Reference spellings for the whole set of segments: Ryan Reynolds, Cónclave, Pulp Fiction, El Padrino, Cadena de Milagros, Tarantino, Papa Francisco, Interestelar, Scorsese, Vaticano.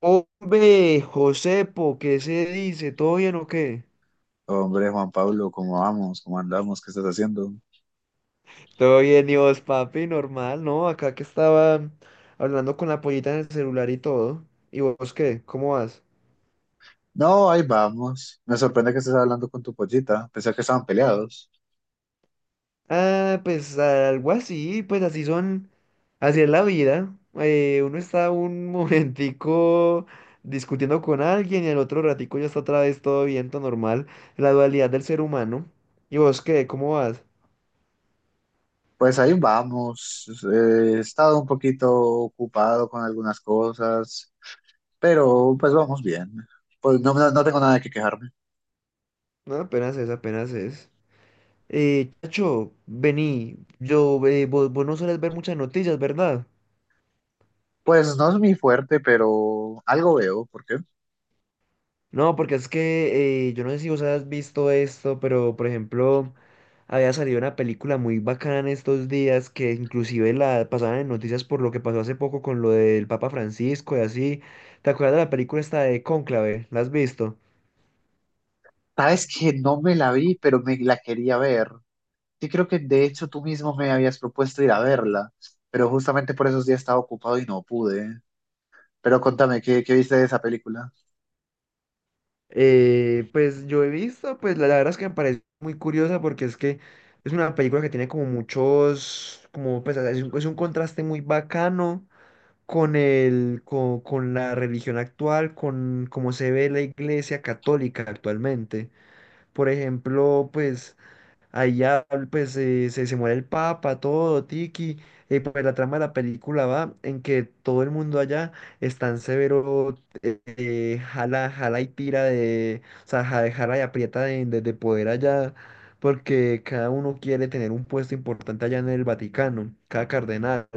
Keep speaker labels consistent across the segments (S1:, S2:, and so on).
S1: Hombre, Josepo, ¿qué se dice? ¿Todo bien o qué?
S2: Hombre, Juan Pablo, ¿cómo vamos? ¿Cómo andamos? ¿Qué estás haciendo?
S1: Todo bien, y vos, papi, normal, ¿no? Acá que estaba hablando con la pollita en el celular y todo. ¿Y vos qué? ¿Cómo vas?
S2: No, ahí vamos. Me sorprende que estés hablando con tu pollita. Pensé que estaban peleados.
S1: Ah, pues algo así, pues así son, así es la vida. Uno está un momentico discutiendo con alguien y el otro ratico ya está otra vez todo bien, todo normal. La dualidad del ser humano. ¿Y vos qué? ¿Cómo vas?
S2: Pues ahí vamos. He estado un poquito ocupado con algunas cosas, pero pues vamos bien. Pues no tengo nada que quejarme.
S1: No, apenas es, apenas es. Chacho, vení, vos no sueles ver muchas noticias, ¿verdad?
S2: Pues no es mi fuerte, pero algo veo. ¿Por qué?
S1: No, porque es que yo no sé si vos has visto esto, pero por ejemplo, había salido una película muy bacana en estos días que inclusive la pasaban en noticias por lo que pasó hace poco con lo del Papa Francisco y así. ¿Te acuerdas de la película esta de Cónclave? ¿La has visto?
S2: Sabes que no me la vi, pero me la quería ver. Sí, creo que de hecho tú mismo me habías propuesto ir a verla, pero justamente por esos días estaba ocupado y no pude. Pero contame, ¿qué viste de esa película?
S1: Pues yo he visto, pues la verdad es que me parece muy curiosa porque es que es una película que tiene como muchos, como pues es un contraste muy bacano con la religión actual, con cómo se ve la iglesia católica actualmente. Por ejemplo, pues allá pues se muere el papa, todo, tiki, y pues la trama de la película va en que todo el mundo allá es tan severo, jala, jala y tira de, o sea, jala y aprieta de poder allá, porque cada uno quiere tener un puesto importante allá en el Vaticano, cada cardenal.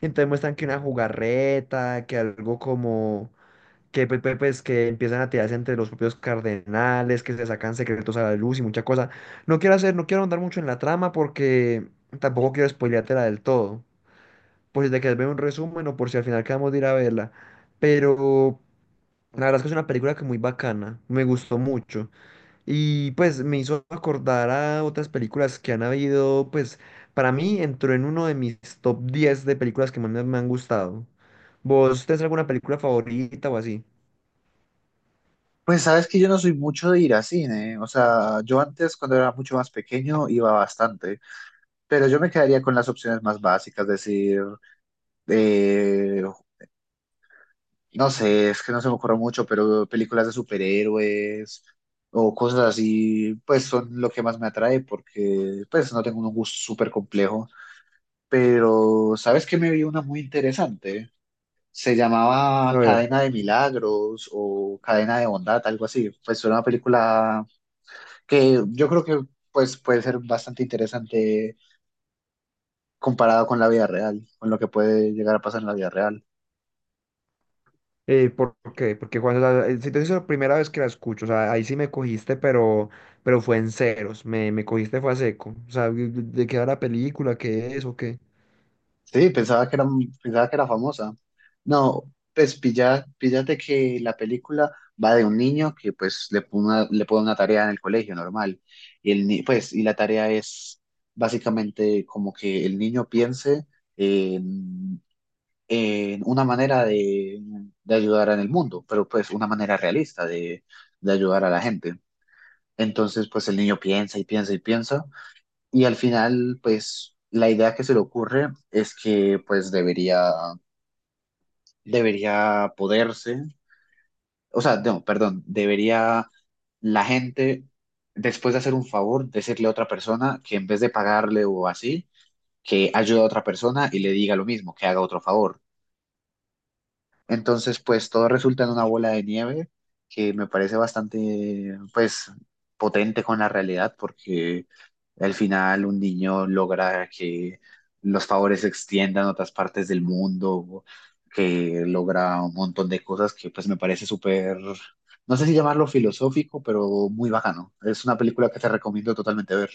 S1: Entonces muestran que una jugarreta, que algo como, que pues, que empiezan a tirarse entre los propios cardenales, que se sacan secretos a la luz y mucha cosa. No quiero hacer, no quiero andar mucho en la trama porque tampoco quiero spoileártela del todo. Por si te quieres ver un resumen o por si al final quedamos de ir a verla. Pero la verdad es que es una película que muy bacana, me gustó mucho. Y pues me hizo acordar a otras películas que han habido, pues para mí entró en uno de mis top 10 de películas que más me, me han gustado. ¿Vos tenés alguna película favorita o así?
S2: Pues sabes que yo no soy mucho de ir a cine, o sea, yo antes cuando era mucho más pequeño iba bastante, pero yo me quedaría con las opciones más básicas, decir, eh, no sé, es que no se me ocurre mucho, pero películas de superhéroes o cosas así, pues son lo que más me atrae porque pues no tengo un gusto súper complejo, pero sabes que me vi una muy interesante. Se llamaba
S1: A ver.
S2: Cadena de Milagros o Cadena de Bondad, algo así. Pues era una película que yo creo que pues puede ser bastante interesante comparado con la vida real, con lo que puede llegar a pasar en la vida real.
S1: ¿Por qué? Porque cuando si te digo, la primera vez que la escucho, o sea, ahí sí me cogiste, pero fue en ceros, me cogiste fue a seco. O sea, ¿de qué va la película? ¿Qué es o qué?
S2: Sí, pensaba que era famosa. No, pues pilla, píllate que la película va de un niño que pues le pone una tarea en el colegio normal. Y el, ni- pues, y la tarea es básicamente como que el niño piense en, en una manera de ayudar en el mundo, pero pues una manera realista de ayudar a la gente. Entonces, pues el niño piensa y piensa y piensa y al final, pues, la idea que se le ocurre es que, pues, debería poderse, o sea, no, perdón, debería la gente, después de hacer un favor, decirle a otra persona que en vez de pagarle o así, que ayude a otra persona y le diga lo mismo, que haga otro favor. Entonces, pues todo resulta en una bola de nieve que me parece bastante, pues, potente con la realidad porque al final un niño logra que los favores se extiendan a otras partes del mundo, que logra un montón de cosas que pues me parece súper, no sé si llamarlo filosófico, pero muy bacano. Es una película que te recomiendo totalmente ver.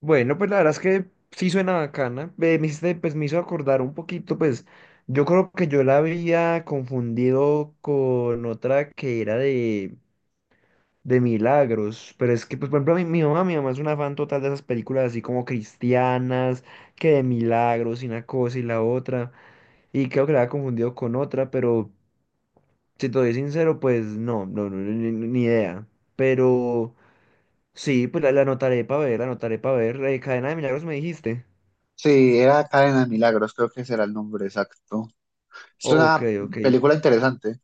S1: Bueno, pues la verdad es que sí suena bacana. Pues me hizo acordar un poquito, pues yo creo que yo la había confundido con otra que era de Milagros, pero es que, pues por ejemplo, mi mamá es una fan total de esas películas así como cristianas, que de Milagros y una cosa y la otra, y creo que la había confundido con otra, pero si te doy sincero, pues no, no, no, ni idea. Pero sí, pues la anotaré para ver, la anotaré para ver. Cadena de Milagros me dijiste.
S2: Sí, era Cadena de Milagros, creo que será el nombre exacto. Es
S1: Ok,
S2: una
S1: ok.
S2: película interesante.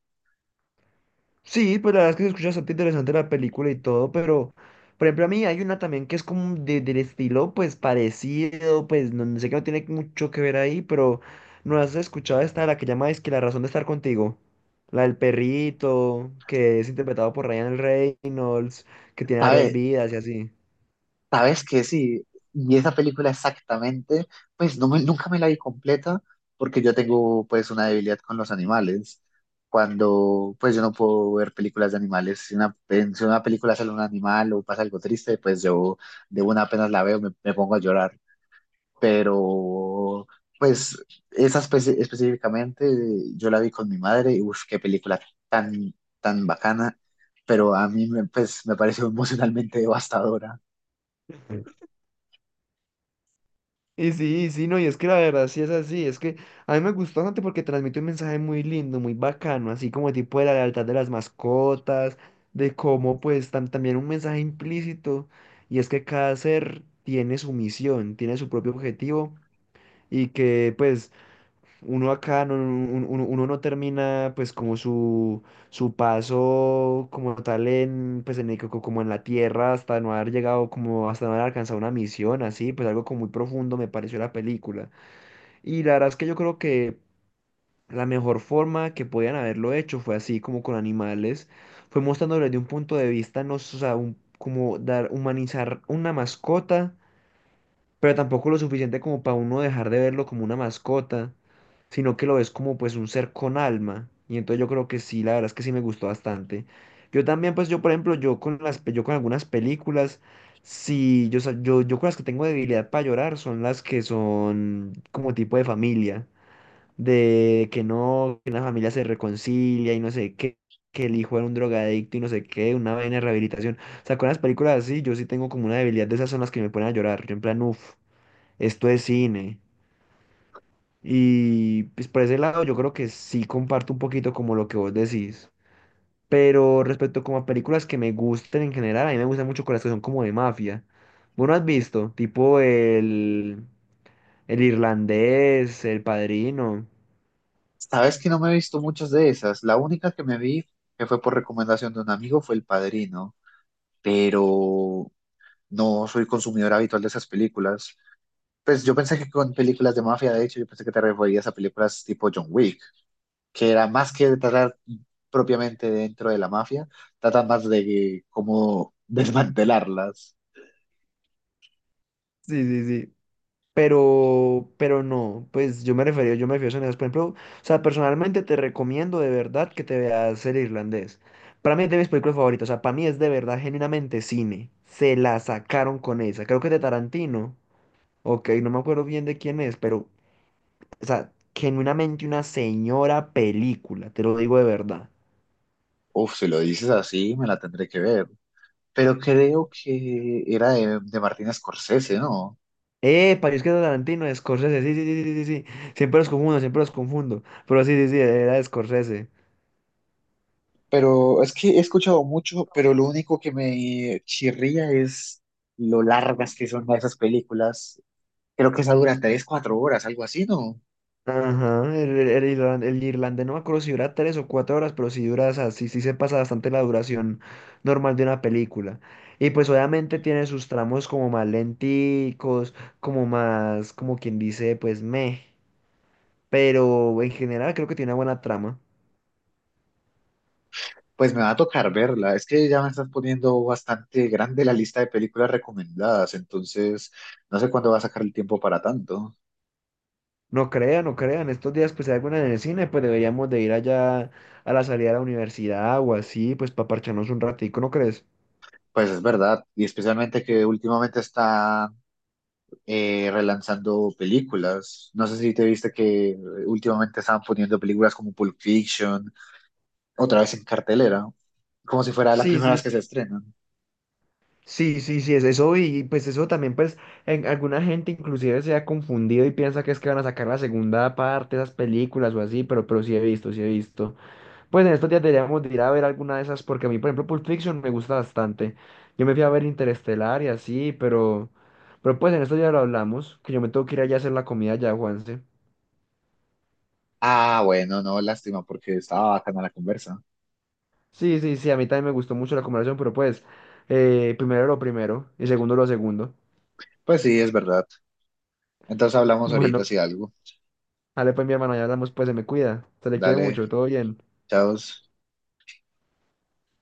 S1: Sí, pues la verdad es que se escucha bastante interesante la película y todo, pero por ejemplo a mí hay una también que es como del estilo pues parecido, pues no, no sé que no tiene mucho que ver ahí, pero no has escuchado esta, la que llama es que la razón de estar contigo, la del perrito, que es interpretado por Ryan Reynolds, que tiene varias
S2: ¿Sabe?
S1: vidas y así.
S2: Sabes que sí, y esa película exactamente, pues nunca me la vi completa porque yo tengo pues una debilidad con los animales. Cuando pues yo no puedo ver películas de animales, si una película sale un animal o pasa algo triste, pues yo de una apenas la veo me pongo a llorar. Pero pues esa específicamente yo la vi con mi madre y uff, qué película tan, tan bacana, pero pues me pareció emocionalmente devastadora.
S1: Y sí, no, y es que la verdad sí es así, es que a mí me gustó bastante porque transmite un mensaje muy lindo, muy bacano, así como tipo de la lealtad de las mascotas, de cómo pues también un mensaje implícito, y es que cada ser tiene su misión, tiene su propio objetivo, y que pues uno acá no, uno no termina pues como su paso como tal en pues en el como en la tierra hasta no haber llegado, como hasta no haber alcanzado una misión, así pues algo como muy profundo me pareció la película, y la verdad es que yo creo que la mejor forma que podían haberlo hecho fue así como con animales, fue mostrándoles de un punto de vista no s- o sea, como dar humanizar una mascota, pero tampoco lo suficiente como para uno dejar de verlo como una mascota, sino que lo ves como pues un ser con alma. Y entonces yo creo que sí, la verdad es que sí me gustó bastante. Yo también, pues yo por ejemplo, yo con algunas películas, sí, yo con las que tengo debilidad para llorar son las que son como tipo de familia, de que no, que una familia se reconcilia y no sé qué, que el hijo era un drogadicto y no sé qué, una vaina de rehabilitación. O sea, con las películas así, yo sí tengo como una debilidad, de esas son las que me ponen a llorar. Yo en plan, uff, esto es cine. Y pues por ese lado yo creo que sí comparto un poquito como lo que vos decís. Pero respecto como a películas que me gusten en general, a mí me gustan mucho con las que son como de mafia. ¿Vos no has visto? Tipo el irlandés, El Padrino.
S2: Sabes que no me he visto muchas de esas. La única que me vi, que fue por recomendación de un amigo, fue El Padrino, pero no soy consumidor habitual de esas películas. Pues yo pensé que con películas de mafia, de hecho, yo pensé que te referías a películas tipo John Wick, que era más que tratar propiamente dentro de la mafia, trata más de cómo desmantelarlas.
S1: Sí, sí, sí. pero, no, pues yo me refería, yo me refiero a sonidos, por ejemplo, o sea, personalmente te recomiendo de verdad que te veas el irlandés. Para mí es de mis películas favoritas, o sea, para mí es de verdad genuinamente cine. Se la sacaron con esa, creo que es de Tarantino, ok, no me acuerdo bien de quién es, pero, o sea, genuinamente una señora película, te lo digo de verdad.
S2: Uf, si lo dices así, me la tendré que ver. Pero creo que era de Martin Scorsese, ¿no?
S1: Para es que es de Tarantino, de Scorsese, sí, sí, sí, sí, sí, sí, siempre los confundo, pero sí, sí, sí, era de Scorsese.
S2: Pero es que he escuchado mucho, pero lo único que me chirría es lo largas que son esas películas. Creo que esa dura tres, cuatro horas, algo así, ¿no?
S1: Ajá, el irlandés no me acuerdo si dura 3 o 4 horas, pero si dura, o sea, sí, sí se pasa bastante la duración normal de una película. Y pues obviamente tiene sus tramos como más lenticos, como más, como quien dice, pues meh. Pero en general creo que tiene una buena trama.
S2: Pues me va a tocar verla. Es que ya me estás poniendo bastante grande la lista de películas recomendadas, entonces no sé cuándo va a sacar el tiempo para tanto.
S1: No crean, no crean, estos días pues hay alguna en el cine, pues deberíamos de ir allá a la salida de la universidad o así, pues para parcharnos un ratico, ¿no crees?
S2: Pues es verdad, y especialmente que últimamente está relanzando películas. No sé si te viste que últimamente estaban poniendo películas como Pulp Fiction otra vez en cartelera. Como si fuera la
S1: Sí,
S2: primera
S1: sí,
S2: vez que se estrenan.
S1: sí, sí, sí, es eso, y pues eso también pues alguna gente inclusive se ha confundido y piensa que es que van a sacar la segunda parte de esas películas o así, pero, sí he visto, sí he visto. Pues en estos días deberíamos de ir a ver alguna de esas porque a mí por ejemplo Pulp Fiction me gusta bastante. Yo me fui a ver Interestelar y así, pero pues en estos días lo hablamos, que yo me tengo que ir allá a hacer la comida ya, Juanse.
S2: Ah, bueno, no, lástima, porque estaba bacana la conversa.
S1: Sí, sí, sí, a mí también me gustó mucho la conversación, pero pues primero lo primero y segundo lo segundo.
S2: Pues sí, es verdad. Entonces hablamos ahorita
S1: Bueno,
S2: si algo.
S1: dale, pues mi hermano, ya hablamos, pues se me cuida. Se le quiere
S2: Dale,
S1: mucho, todo bien.
S2: chao.